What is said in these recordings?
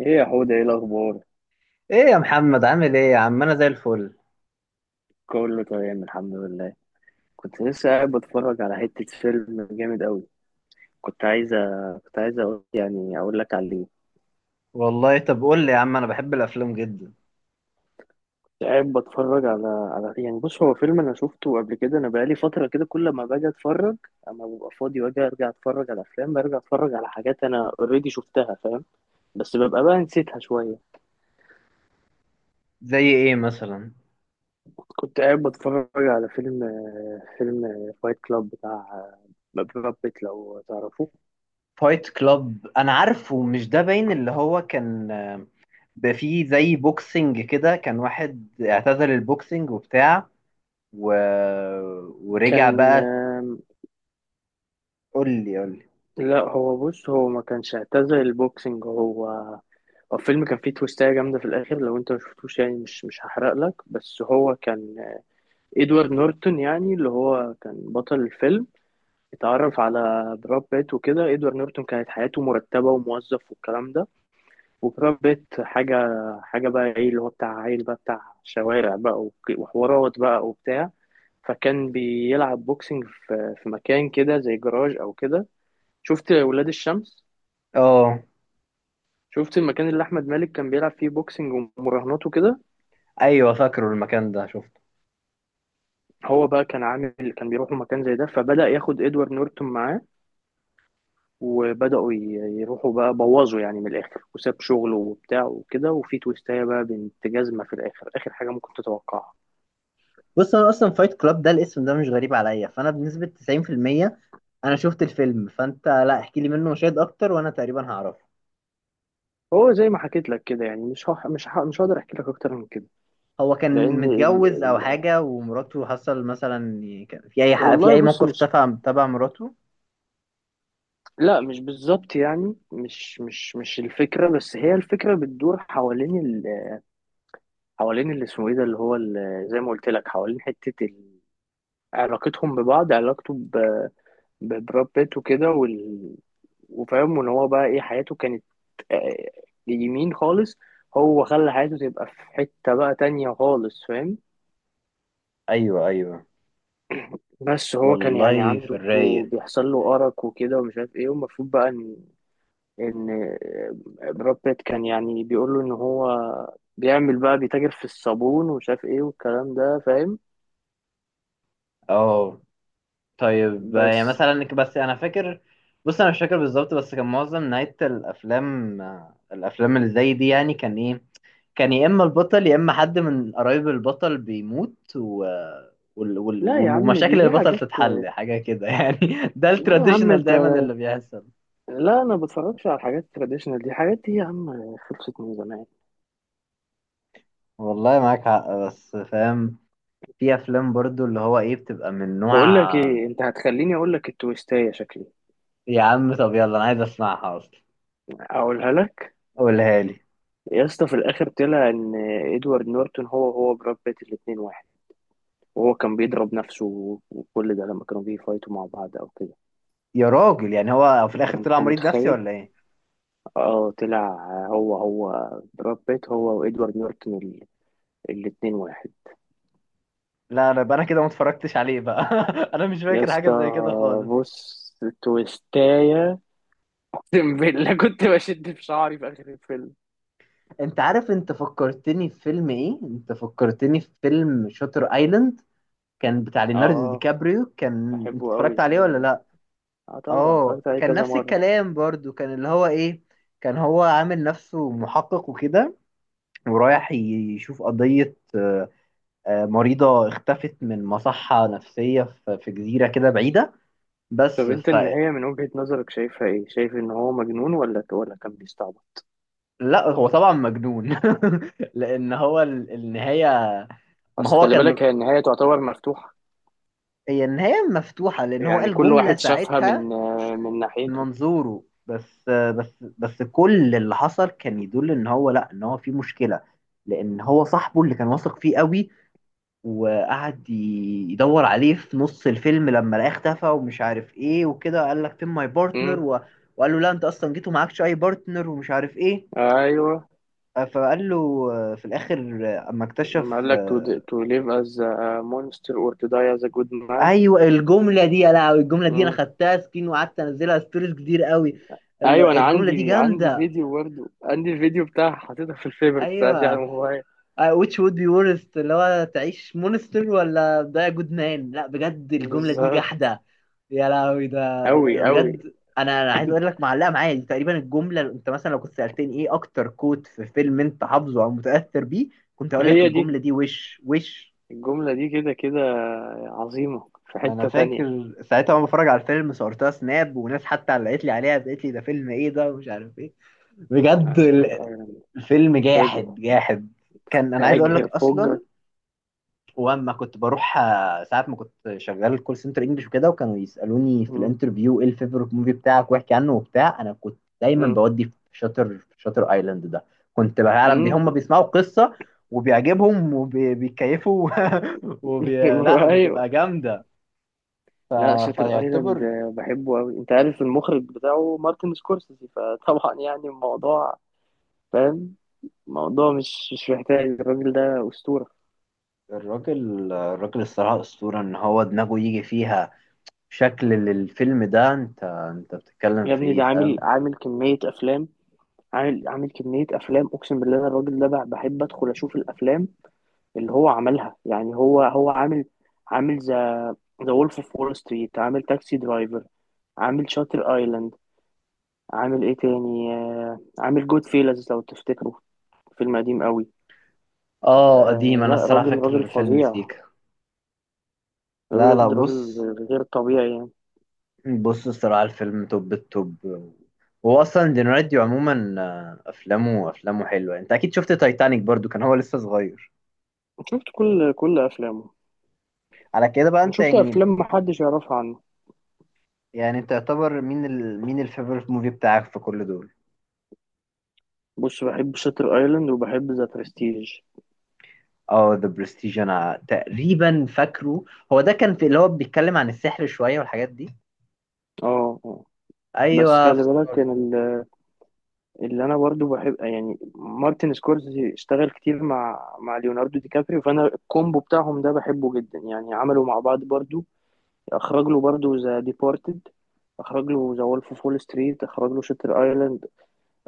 ايه يا حوده، ايه الاخبار؟ ايه يا محمد، عامل ايه يا عم؟ انا زي الفل. كله تمام الحمد لله. كنت لسه قاعد بتفرج على حته فيلم جامد قوي. كنت عايزه كنت عايزه أقول يعني اقول لك عليه. والله، طب قول لي يا عم، انا بحب الافلام جدا. قاعد بتفرج على يعني بص، هو فيلم انا شفته قبل كده، انا بقالي فتره كده كل ما باجي اتفرج اما ببقى فاضي واجي ارجع اتفرج على افلام، برجع اتفرج على حاجات انا اوريدي شفتها فاهم، بس ببقى بقى نسيتها شويه. زي ايه مثلا؟ كنت قاعد بتفرج على فيلم فايت كلاب بتاع براد بيت لو تعرفوه. فايت كلاب انا عارفه، مش ده باين اللي هو كان، بقى فيه زي بوكسنج كده، كان واحد اعتزل البوكسنج وبتاع و... ورجع كان بقى. قول لي قول لي. لا هو بص، هو ما كانش اعتزل البوكسنج. هو هو الفيلم كان فيه تويستاية جامدة في الآخر، لو أنت مشفتوش يعني مش هحرق لك، بس هو كان إدوارد نورتون يعني، اللي هو كان بطل الفيلم. اتعرف على براد بيت وكده. إدوارد نورتون كانت حياته مرتبة وموظف والكلام ده، وبراد بيت حاجة بقى، إيه اللي هو بتاع عيل بقى، بتاع شوارع بقى وحوارات بقى وبتاع. فكان بيلعب بوكسنج في مكان كده زي جراج أو كده. شفت ولاد الشمس؟ اه، شفت المكان اللي احمد مالك كان بيلعب فيه بوكسنج ومراهنات وكده. ايوه فاكره المكان ده، شفته. هو بقى كان عامل، كان بيروحوا مكان زي ده، فبدأ ياخد ادوارد نورتون معاه. وبدأوا ي- يروحوا بقى، بوظوا يعني من الاخر، وساب شغله وبتاع وكده، وفي تويستايه بقى بنت جزمه في الاخر، اخر حاجه ممكن تتوقعها. بص، انا اصلا فايت كلاب ده الاسم ده مش غريب عليا، فانا بنسبة 90% انا شفت الفيلم، فانت لا احكي لي منه مشاهد اكتر وانا تقريبا هعرفه. هو زي ما حكيت لك كده يعني مش هح... مش ه... مش هقدر احكي لك اكتر من كده. هو لان كان ال... متجوز او ال... حاجه، ومراته حصل مثلا، كان في اي حق في والله اي بص، موقف مش، تبع تبع مراته؟ لا مش بالظبط يعني، مش الفكره، بس هي الفكره بتدور حوالين، حوالين اللي اسمه ايه ده، اللي هو زي ما قلت لك، حوالين حتة علاقتهم ببعض، علاقته ببراد بيت وكده وفاهم ان هو بقى ايه حياته كانت. آه، يمين خالص. هو خلى حياته تبقى في حتة بقى تانية خالص فاهم. ايوه، ايوه. بس هو كان يعني والله، في عنده الرايق. بيحصل له أرق وكده ومش عارف ايه، والمفروض بقى ان ان براد بيت كان يعني بيقول له ان هو بيعمل بقى، بيتاجر في الصابون ومش عارف ايه والكلام ده فاهم. اه طيب، يعني بس مثلا بس انا فاكر، بص انا مش فاكر بالظبط، بس كان معظم نهايه الافلام، الافلام اللي زي دي، يعني كان ايه، كان يا اما البطل يا اما حد من قرايب البطل بيموت لا يا عم، دي ومشاكل دي البطل حاجات، تتحل حاجه كده يعني، ده لا يا عم التراديشنال انت، دايما اللي بيحصل. لا انا بتفرجش على الحاجات التراديشنال دي، حاجات دي يا عم خلصت من زمان. والله معاك حق، بس فاهم، في افلام برضو اللي هو ايه، بتبقى من نوع. بقول لك ايه، انت هتخليني اقول لك التويستايه شكلي. يا عم طب يلا، انا عايز اسمعها اصلا، اقولها لك. قولها لي. يا اسطى، في الاخر طلع ان ادوارد نورتون هو براد بيت، الاتنين واحد. وهو كان بيضرب نفسه وكل ده لما كانوا بيفايتوا مع بعض او كده. يا راجل، يعني هو في انت الاخر طلع انت مريض نفسي متخيل؟ ولا ايه؟ اه طلع، هو هو براد بيت هو وادوارد نورتون، الاتنين واحد. لا لا، يبقى انا كده ما اتفرجتش عليه بقى. انا مش يا فاكر حاجه اسطى زي كده خالص. بص، تويستاية اقسم بالله كنت بشد في شعري في اخر الفيلم. انت عارف، انت فكرتني في فيلم شاتر ايلاند، كان بتاع ليوناردو دي اه، كابريو. كان انت بحبه قوي اتفرجت عليه الفيلم ولا ده. لا؟ اه طبعا اه، اتفرجت عليه كان كذا نفس مره. الكلام برضو، كان اللي هو ايه، كان هو عامل نفسه محقق وكده، ورايح يشوف قضية، مريضة اختفت من مصحة نفسية في جزيرة كده بعيدة. بس طب انت ف النهايه من وجهه نظرك شايفها ايه، شايف ان هو مجنون ولا كان بيستعبط؟ لا هو طبعا مجنون. لأن هو النهاية، ما اصل هو خلي كان بالك هي النهايه تعتبر مفتوحه، هي النهاية مفتوحة، لأن هو يعني قال كل جملة واحد شافها ساعتها، من من من ناحيته. منظوره. بس كل اللي حصل كان يدل إن هو، لا، إن هو في مشكلة، لأن هو صاحبه اللي كان واثق فيه قوي، وقعد يدور عليه في نص الفيلم، لما لقاه اختفى ومش عارف ايه وكده، قال لك فين ماي بارتنر، امم، وقال له لا انت اصلا جيت ومعكش اي بارتنر ومش عارف ايه. ايوه. فقال له، في الاخر، اما لما اكتشف، قال لك to, to live as a monster or to die as a good man. ايوه الجمله دي. يا لهوي، الجمله دي انا امم، خدتها سكين وقعدت انزلها ستوريز كتير قوي. ايوه. انا الجمله دي عندي جامده. فيديو برضه، عندي الفيديو بتاعها حاططها في الفيفوريتس عندي على ايوه، الموبايل. Which would be worst، اللي هو تعيش مونستر ولا ده جود مان. لا بجد الجملة دي بالظبط. جحدة. يا لهوي، ده أوي أوي. بجد، انا عايز اقول لك، معلقة معايا دي تقريبا الجملة. انت مثلا لو كنت سألتني ايه اكتر كوت في فيلم انت حافظه او متأثر بيه، كنت اقول لك هي دي، الجملة دي. وش وش. الجملة دي كده كده عظيمة في انا حتة تانية. فاكر ساعتها وانا بتفرج على الفيلم، صورتها سناب، وناس حتى علقت لي عليها قالت لي ده فيلم ايه ده ومش عارف ايه. بجد عشان تبقى الفيلم فاجر. جاحد جاحد. كان انا عايز اقول لك فاجر فجر. اصلا، واما كنت بروح، ساعات ما كنت شغال كول سنتر انجلش وكده، وكانوا يسالوني في مم. الانترفيو ايه الفيفورت موفي بتاعك واحكي عنه وبتاع، انا كنت دايما مم. بودي في شاتر، في شاتر ايلاند ده. كنت فعلا بي مم. هم بيسمعوا قصه، وبيعجبهم وبيكيفوا. لا أيوة. بتبقى جامده. ف... لا شاتر ايلاند، فيعتبر، بحبه أوي. أنت عارف المخرج بتاعه مارتن سكورسيزي، فطبعا يعني الموضوع فاهم، الموضوع مش مش محتاج، الراجل ده أسطورة. الراجل الراجل الصراحه اسطوره، ان هو دماغه يجي فيها شكل للفيلم ده، انت بتتكلم يا في ابني ايه ده عامل فاهم؟ عامل كمية أفلام، عامل كمية أفلام أقسم بالله. أنا الراجل ده بحب أدخل أشوف الأفلام اللي هو عملها يعني. هو عامل، عامل ذا وولف اوف وول ستريت، عامل تاكسي درايفر، عامل شاتر ايلاند، عامل ايه تاني، عامل جود فيلز لو تفتكروا، فيلم قديم قوي. اه قديم، آه انا لا، الصراحه راجل فاكر راجل الفيلم فظيع، سيكا. لا لا، بجد بص، راجل غير طبيعي يعني. بص الصراحة الفيلم توب التوب. هو أصلا دينارديو عموما، أفلامه أفلامه حلوة. أنت أكيد شفت تايتانيك برضو، كان هو لسه صغير شفت كل افلامه، على كده بقى أنت شفت يعني. افلام محدش يعرفها عنه. يعني أنت يعتبر مين مين الفيفورت موفي بتاعك في كل دول؟ بص، بحب شاتر ايلاند وبحب ذا برستيج. اه ذا برستيج، أنا تقريبا فاكره. هو ده كان في اللي هو بيتكلم عن السحر شوية والحاجات دي. اه. آه. بس أيوه خلي بالك افتكرت. ان اللي انا برضو بحب يعني، مارتن سكورسي اشتغل كتير مع ليوناردو دي كابريو، فانا الكومبو بتاعهم ده بحبه جدا يعني. عملوا مع بعض برضو، اخرج له برضو ذا ديبارتد، اخرج له ذا وولف اوف وول ستريت، اخرج له شاتر ايلاند،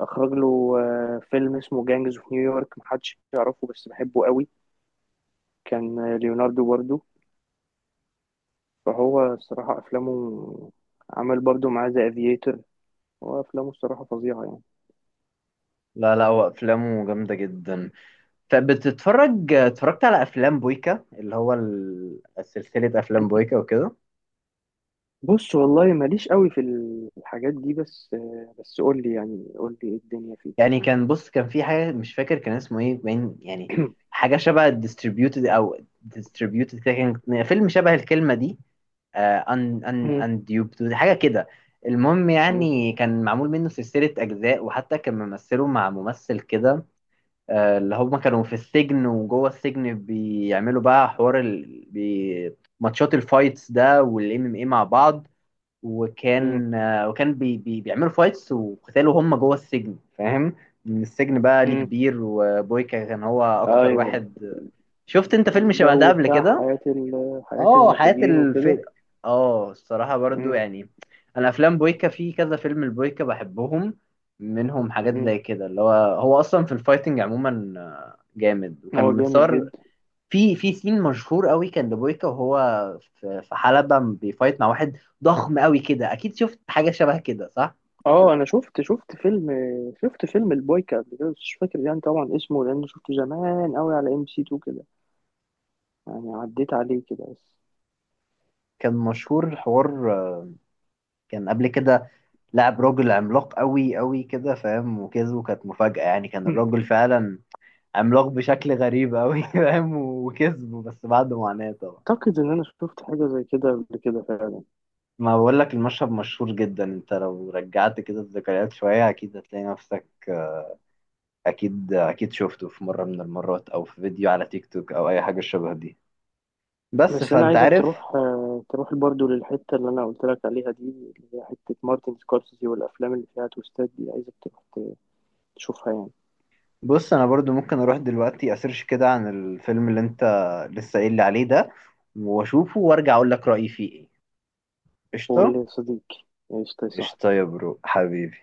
اخرج له فيلم اسمه جانجز اوف نيويورك محدش يعرفه بس بحبه قوي، كان ليوناردو برضو. فهو الصراحة افلامه، عمل برضو معاه ذا افييتر. هو افلامه الصراحة فظيعة يعني. لا لا، هو أفلامه جامدة جدا. فبتتفرج، اتفرجت على أفلام بويكا، اللي هو سلسلة أفلام بويكا وكده. بص والله ماليش قوي في الحاجات دي، بس بس قول لي يعني، قول لي ايه الدنيا فيه. يعني كان، بص كان في حاجه مش فاكر كان اسمه ايه باين يعني، حاجه شبه ديستريبيوتد او ديستريبيوتد كده، كان فيلم شبه الكلمه دي، ان مم، انديوبد حاجه كده. المهم، مم، يعني كان معمول منه سلسله اجزاء، وحتى كان ممثله مع ممثل كده، اللي هما كانوا في السجن، وجوه السجن بيعملوا بقى حوار ماتشات الفايتس ده والام ام اي مع بعض. مم، وكان، بي بيعملوا فايتس وقتالوا هم جوه السجن فاهم. من السجن بقى ليه مم. كبير، وبويكا كان هو اكتر ايوه واحد. شفت انت فيلم شبه ده الجو قبل بتاع كده؟ حياة حياة اه حياة المساجين الف وكده. اه الصراحة برضو مم، يعني، انا افلام بويكا في كذا فيلم البويكا بحبهم، منهم حاجات مم. زي كده اللي هو، هو اصلا في الفايتنج عموما، جامد وكان هو جامد متصور. جدا. في سين مشهور قوي كان لبويكا، وهو في حلبة بيفايت مع واحد ضخم قوي كده، اكيد شفت حاجة شبه كده صح؟ اه انا شفت فيلم البويكا قبل كده، بس مش فاكر يعني طبعا اسمه لانه شفته زمان قوي على ام سي 2 كده، يعني عديت عليه كده بس. كان مشهور الحوار، كان قبل كده لعب راجل عملاق قوي قوي كده فاهم، وكسبه كانت مفاجأة. يعني كان الراجل فعلا عملاق بشكل غريب قوي. فاهم، وكسبه بس بعد معاناة طبعا. اعتقد انا شفت حاجة زي كده قبل كده فعلا. ما بقول لك المشهد مشهور جدا، انت لو رجعت كده الذكريات شوية اكيد هتلاقي نفسك، اكيد اكيد شفته في مرة من المرات او في فيديو على تيك توك او اي حاجة شبه دي. بس بس انا فانت عايزك عارف. تروح، تروح برضو للحته اللي انا قلت لك عليها دي، اللي هي حته مارتن سكورسيزي والافلام اللي فيها تويستات دي، عايزك تروح تشوفها يعني. بص انا برضو ممكن اروح دلوقتي اسيرش كده عن الفيلم اللي انت لسه قايل لي عليه ده، واشوفه وارجع اقول لك رأيي فيه ايه. قول قشطة. لي صديقي، ايش يا صاحبي؟ قشطة يا برو حبيبي.